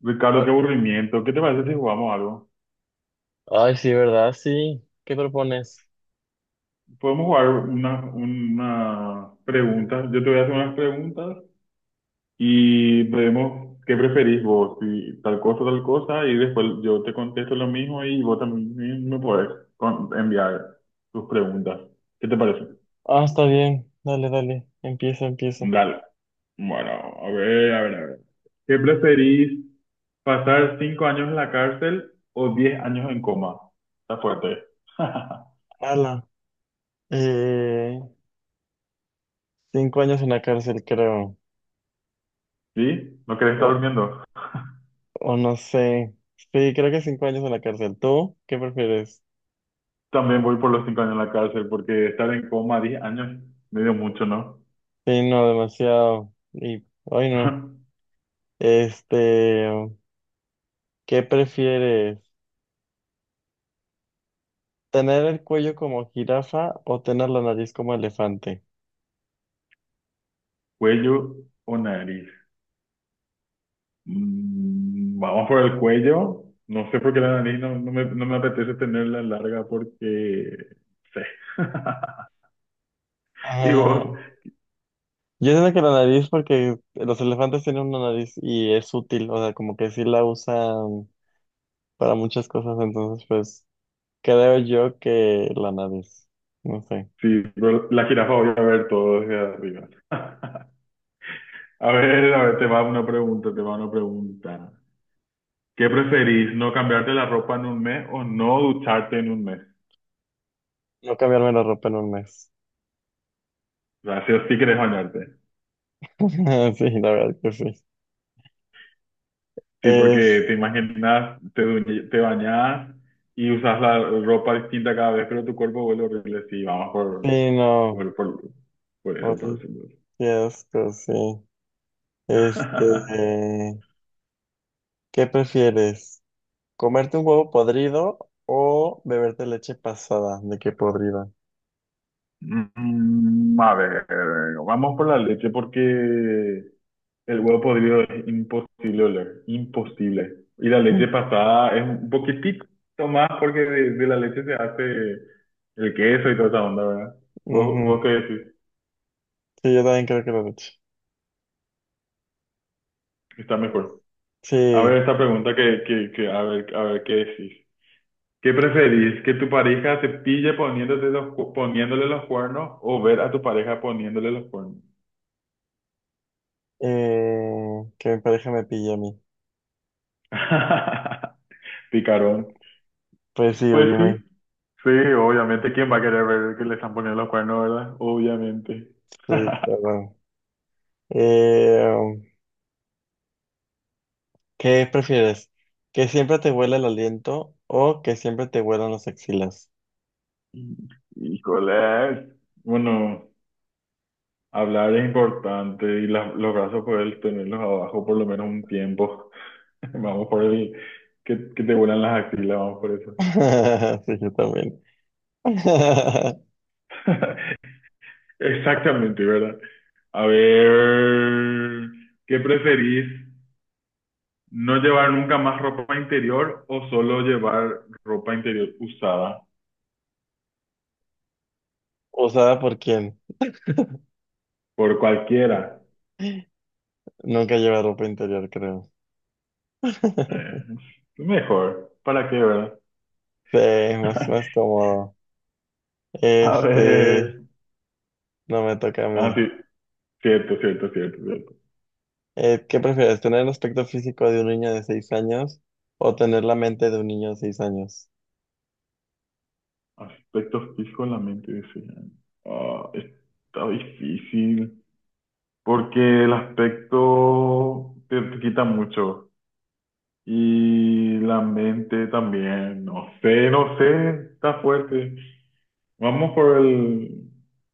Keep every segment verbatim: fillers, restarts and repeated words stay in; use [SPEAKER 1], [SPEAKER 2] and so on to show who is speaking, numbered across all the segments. [SPEAKER 1] Ricardo,
[SPEAKER 2] Ah,
[SPEAKER 1] qué aburrimiento. ¿Qué te parece si jugamos algo?
[SPEAKER 2] Ay, sí, ¿verdad? Sí. ¿Qué propones?
[SPEAKER 1] Podemos jugar una, una pregunta. Yo te voy a hacer unas preguntas y vemos qué preferís vos, si tal cosa, tal cosa, y después yo te contesto lo mismo y vos también me podés con- enviar tus preguntas. ¿Qué te parece?
[SPEAKER 2] Ah, está bien. Dale, dale. Empieza, empieza.
[SPEAKER 1] Dale. Bueno, a ver, a ver, a ver. ¿Qué preferís? ¿Pasar cinco años en la cárcel o diez años en coma? Está fuerte.
[SPEAKER 2] Ala. Eh, Cinco años en la cárcel, creo.
[SPEAKER 1] ¿Sí? ¿No querés estar
[SPEAKER 2] O,
[SPEAKER 1] durmiendo?
[SPEAKER 2] o no sé. Sí, creo que cinco años en la cárcel. ¿Tú qué prefieres?
[SPEAKER 1] También voy por los cinco años en la cárcel porque estar en coma diez años, medio mucho, ¿no?
[SPEAKER 2] Sí, no, demasiado. Y, ay, no. Este, ¿qué prefieres? ¿Tener el cuello como jirafa o tener la nariz como elefante?
[SPEAKER 1] ¿Cuello o nariz? Mm, vamos por el cuello. No sé por qué la nariz no, no me, no me apetece tenerla larga porque... sé. Y vos,
[SPEAKER 2] Yo siento que la nariz, porque los elefantes tienen una nariz y es útil, o sea, como que sí la usan para muchas cosas, entonces pues creo yo que la nariz, no sé,
[SPEAKER 1] sí, pero la jirafa voy a ver todo desde arriba. A ver, a ver, te va una pregunta, te va una pregunta. ¿Qué preferís, no cambiarte la ropa en un mes o no ducharte en un mes?
[SPEAKER 2] no cambiarme la ropa en un mes.
[SPEAKER 1] Gracias, sí o sí querés bañarte.
[SPEAKER 2] Sí, la verdad que sí.
[SPEAKER 1] Sí,
[SPEAKER 2] Es,
[SPEAKER 1] porque te imaginas, te, duñ- te bañas y usas la ropa distinta cada vez, pero tu cuerpo vuelve horrible. Sí, vamos por,
[SPEAKER 2] sí, no.
[SPEAKER 1] por, por, por eso, por
[SPEAKER 2] Ay,
[SPEAKER 1] eso. Por eso.
[SPEAKER 2] qué asco, sí. Este, eh, ¿qué prefieres? ¿Comerte un huevo podrido o beberte leche pasada? ¿De qué podrida?
[SPEAKER 1] Mm, a ver, vamos por la leche porque el huevo podrido es imposible oler, imposible. Y la leche pasada es un poquitito más porque de, de la leche se hace el queso y toda esa onda, ¿verdad? ¿Vos, vos qué
[SPEAKER 2] Ujú.
[SPEAKER 1] decís?
[SPEAKER 2] Sí, yo también creo que la leche.
[SPEAKER 1] Está mejor. A ver
[SPEAKER 2] Sí,
[SPEAKER 1] esta pregunta que, que, que a ver, a ver qué decís. ¿Qué preferís? ¿Que tu pareja te pille poniéndote los, cu- poniéndole los cuernos o ver a tu pareja poniéndole los cuernos?
[SPEAKER 2] eh, que mi pareja me pille a mí.
[SPEAKER 1] Picarón.
[SPEAKER 2] Pues sí,
[SPEAKER 1] Pues
[SPEAKER 2] oye,
[SPEAKER 1] sí,
[SPEAKER 2] me...
[SPEAKER 1] sí, obviamente. ¿Quién va a querer ver que le están poniendo los cuernos, verdad? Obviamente.
[SPEAKER 2] Sí, claro. Bueno. Eh, um, ¿Qué prefieres? ¿Que siempre te huela el aliento o que siempre te huelan las axilas?
[SPEAKER 1] Híjole. Bueno, hablar es importante y las- los brazos poder tenerlos abajo por lo menos un tiempo. Vamos por el que, que te vuelan las axilas, vamos por eso.
[SPEAKER 2] Sí, yo también.
[SPEAKER 1] Exactamente, ¿verdad? A ver, ¿qué preferís? ¿No llevar nunca más ropa interior o solo llevar ropa interior usada
[SPEAKER 2] ¿Usada por quién?
[SPEAKER 1] por cualquiera?
[SPEAKER 2] Nunca lleva ropa interior, creo.
[SPEAKER 1] Eh, Mejor, ¿para qué, verdad?
[SPEAKER 2] Sí, más, más cómodo.
[SPEAKER 1] A
[SPEAKER 2] Este,
[SPEAKER 1] ver,
[SPEAKER 2] no me toca a
[SPEAKER 1] ah,
[SPEAKER 2] mí.
[SPEAKER 1] sí, cierto, cierto, cierto, cierto.
[SPEAKER 2] Eh, ¿qué prefieres? ¿Tener el aspecto físico de un niño de seis años o tener la mente de un niño de seis años?
[SPEAKER 1] Aspectos fijos en la mente desean. Ah, está difícil, porque el aspecto te te quita mucho. Y la mente también, no sé, no sé, está fuerte. Vamos por el,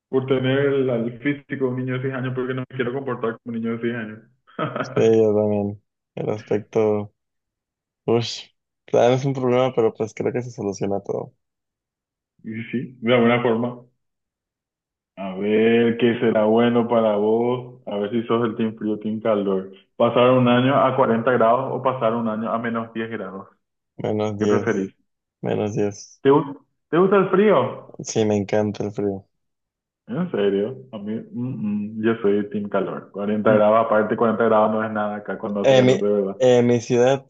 [SPEAKER 1] por tener el, al físico de un niño de seis años porque no me quiero comportar como un niño de seis años.
[SPEAKER 2] Sí, yo también. El aspecto, uff, claro, es un problema, pero pues creo que se soluciona todo.
[SPEAKER 1] Y sí, de alguna forma. A ver qué será bueno para vos, a ver si sos del team frío, team calor. ¿Pasar un año a cuarenta grados o pasar un año a menos diez grados?
[SPEAKER 2] Menos
[SPEAKER 1] ¿Qué
[SPEAKER 2] diez
[SPEAKER 1] preferís?
[SPEAKER 2] menos diez
[SPEAKER 1] ¿Te, gu- Te gusta el frío?
[SPEAKER 2] Sí, me encanta el frío.
[SPEAKER 1] En serio, a mí, mm, mm, yo soy team calor. Cuarenta grados, aparte cuarenta grados no es nada acá cuando hace
[SPEAKER 2] En mi,
[SPEAKER 1] calor de verdad.
[SPEAKER 2] en mi ciudad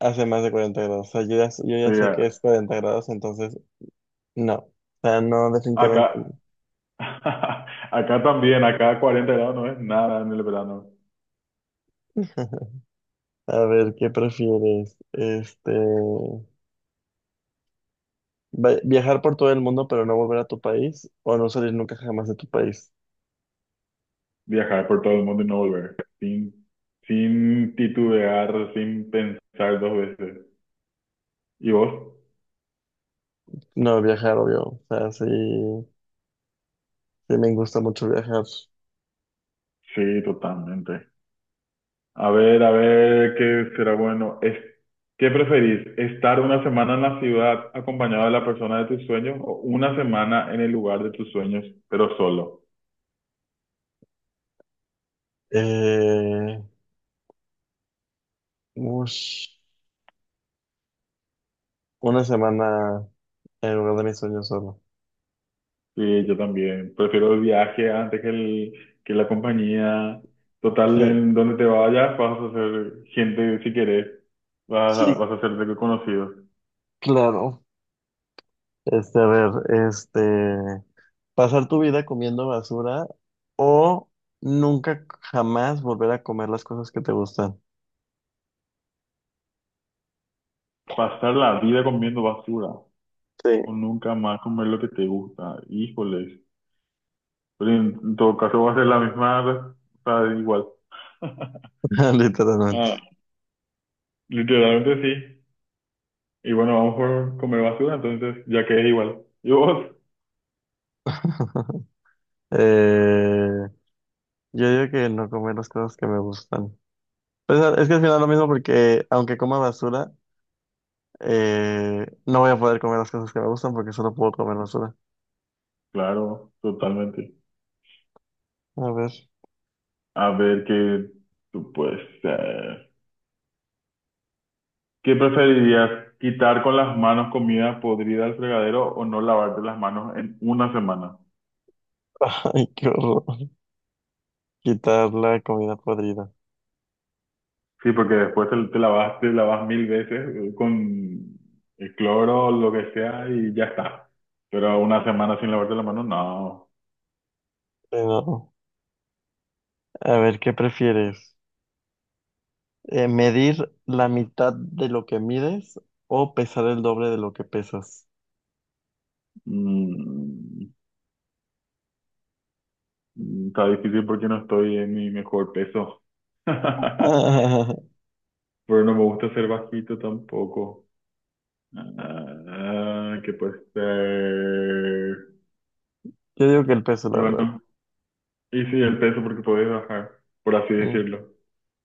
[SPEAKER 2] hace más de cuarenta grados. O sea, yo ya, yo
[SPEAKER 1] Sí,
[SPEAKER 2] ya sé que es
[SPEAKER 1] a-
[SPEAKER 2] cuarenta grados, entonces no. O sea, no, definitivamente. No.
[SPEAKER 1] acá, acá también, acá cuarenta grados no es nada en el verano.
[SPEAKER 2] A ver, ¿qué prefieres? Este, va- viajar por todo el mundo, pero no volver a tu país, o no salir nunca jamás de tu país.
[SPEAKER 1] Viajar por todo el mundo y no volver, sin, sin titubear, sin pensar dos veces. ¿Y vos?
[SPEAKER 2] No, viajar, obvio. O sea, sí, sí me gusta mucho viajar.
[SPEAKER 1] Sí, totalmente. A ver, a ver, ¿qué será bueno? Es, ¿qué preferís? ¿Estar una semana en la ciudad acompañado de la persona de tus sueños o una semana en el lugar de tus sueños, pero solo?
[SPEAKER 2] Eh, Ush, una semana en lugar de mis sueños solo.
[SPEAKER 1] Sí, yo también. Prefiero el viaje antes que, el, que la compañía. Total,
[SPEAKER 2] Sí,
[SPEAKER 1] en donde te vayas vas a ser gente si querés. Vas a,
[SPEAKER 2] sí,
[SPEAKER 1] vas a hacerte conocido.
[SPEAKER 2] claro. Este, a ver, este, pasar tu vida comiendo basura o nunca jamás volver a comer las cosas que te gustan.
[SPEAKER 1] Pasar la vida comiendo basura o
[SPEAKER 2] Sí,
[SPEAKER 1] nunca más comer lo que te gusta. Híjole, pero en, en todo caso va a ser la misma, re- o sea, igual.
[SPEAKER 2] literalmente.
[SPEAKER 1] Ah, literalmente sí. Y bueno, vamos por comer basura, entonces, ya que es igual. ¿Y vos?
[SPEAKER 2] Eh, yo digo que no comer las cosas que me gustan. Pues, ah, es que al final lo mismo porque aunque coma basura, eh, no voy a poder comer las cosas que me gustan porque solo puedo comer basura.
[SPEAKER 1] Claro, totalmente.
[SPEAKER 2] A ver.
[SPEAKER 1] A ver, que tú pues, eh, ¿qué preferirías? ¿Quitar con las manos comida podrida al fregadero o no lavarte las manos en una semana?
[SPEAKER 2] Ay, qué horror. Quitar la comida podrida.
[SPEAKER 1] Sí, porque después te, te lavas, te lavas mil veces eh, con el cloro o lo que sea y ya está. Pero una semana sin lavarte las manos, no.
[SPEAKER 2] Pero, a ver, ¿qué prefieres? Eh, ¿medir la mitad de lo que mides o pesar el doble de lo que pesas?
[SPEAKER 1] Mm, mm, Está difícil porque no estoy en mi mejor peso. Pero no me gusta ser bajito tampoco. Ah, ¿qué puede ser?
[SPEAKER 2] Yo digo que el peso,
[SPEAKER 1] Y
[SPEAKER 2] la verdad.
[SPEAKER 1] bueno, y sí, el peso porque puedes bajar, por así
[SPEAKER 2] Mm,
[SPEAKER 1] decirlo.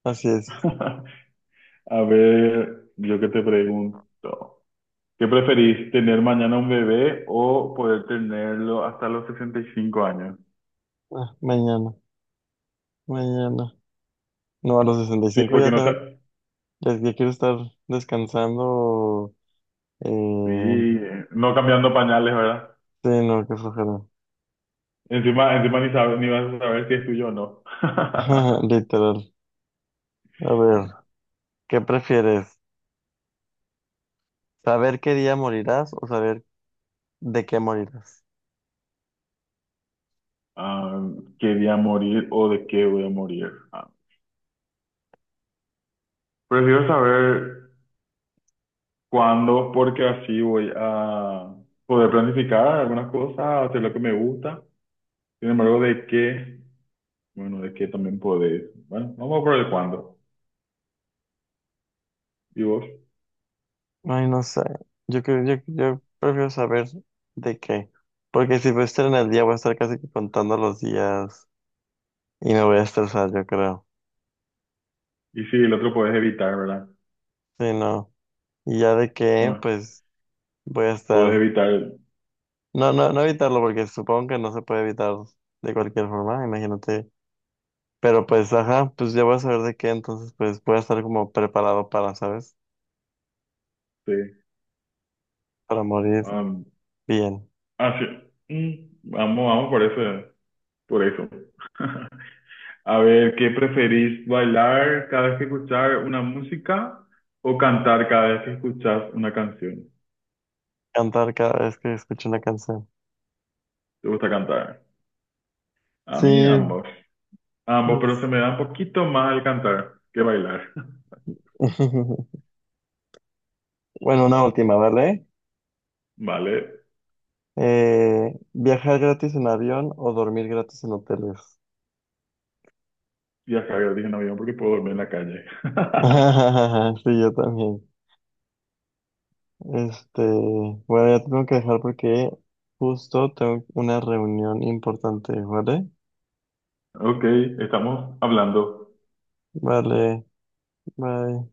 [SPEAKER 2] así es.
[SPEAKER 1] A ver, yo que te pregunto, ¿qué preferís, tener mañana un bebé o poder tenerlo hasta los sesenta y cinco años?
[SPEAKER 2] Ah, mañana, mañana. No, a los
[SPEAKER 1] Sí,
[SPEAKER 2] sesenta y cinco
[SPEAKER 1] porque
[SPEAKER 2] ya
[SPEAKER 1] no, sa-
[SPEAKER 2] tengo, ya, ya quiero estar descansando.
[SPEAKER 1] sí,
[SPEAKER 2] Eh,
[SPEAKER 1] no cambiando pañales, verdad.
[SPEAKER 2] sí, no, qué flojera.
[SPEAKER 1] Encima, encima ni, sabe- ni vas a saber si es tuyo o no.
[SPEAKER 2] Literal. A ver, ¿qué prefieres? ¿Saber qué día morirás o saber ¿de qué morirás?
[SPEAKER 1] Ah, quería morir o de qué voy a morir. Ah, prefiero saber cuándo, porque así voy a poder planificar algunas cosas, hacer lo que me gusta. Sin embargo, de qué, bueno, de qué también podés. Bueno, vamos por el cuándo. ¿Y vos?
[SPEAKER 2] Ay, no sé. Yo creo, yo, yo prefiero saber de qué. Porque si voy a estar en el día, voy a estar casi que contando los días y me voy a estresar, yo creo.
[SPEAKER 1] Y si el otro podés evitar, ¿verdad?
[SPEAKER 2] Sí, no. Y ya de qué,
[SPEAKER 1] Ah,
[SPEAKER 2] pues voy a
[SPEAKER 1] podés
[SPEAKER 2] estar.
[SPEAKER 1] evitar,
[SPEAKER 2] No, no, no evitarlo, porque supongo que no se puede evitar de cualquier forma, imagínate. Pero pues, ajá, pues ya voy a saber de qué, entonces pues voy a estar como preparado para, ¿sabes?
[SPEAKER 1] sí.
[SPEAKER 2] Para morir
[SPEAKER 1] Ah,
[SPEAKER 2] bien.
[SPEAKER 1] así. Mm, Vamos, vamos por eso, por eso. A ver, ¿qué preferís? ¿Bailar cada vez que escuchar una música o cantar cada vez que escuchas una canción?
[SPEAKER 2] Cantar cada vez que escucho una canción.
[SPEAKER 1] ¿Te gusta cantar? A
[SPEAKER 2] Sí.
[SPEAKER 1] mí ambos. Ambos, pero se me da un poquito más el cantar que bailar.
[SPEAKER 2] Bueno, una última, ¿vale?
[SPEAKER 1] Vale,
[SPEAKER 2] Eh, ¿viajar gratis en avión o dormir gratis en hoteles?
[SPEAKER 1] ya sabía, dije no avión porque puedo dormir en la calle.
[SPEAKER 2] Sí, yo también. Este, bueno, ya te tengo que dejar porque justo tengo una reunión importante, ¿vale?
[SPEAKER 1] Ok, estamos hablando.
[SPEAKER 2] Vale, bye.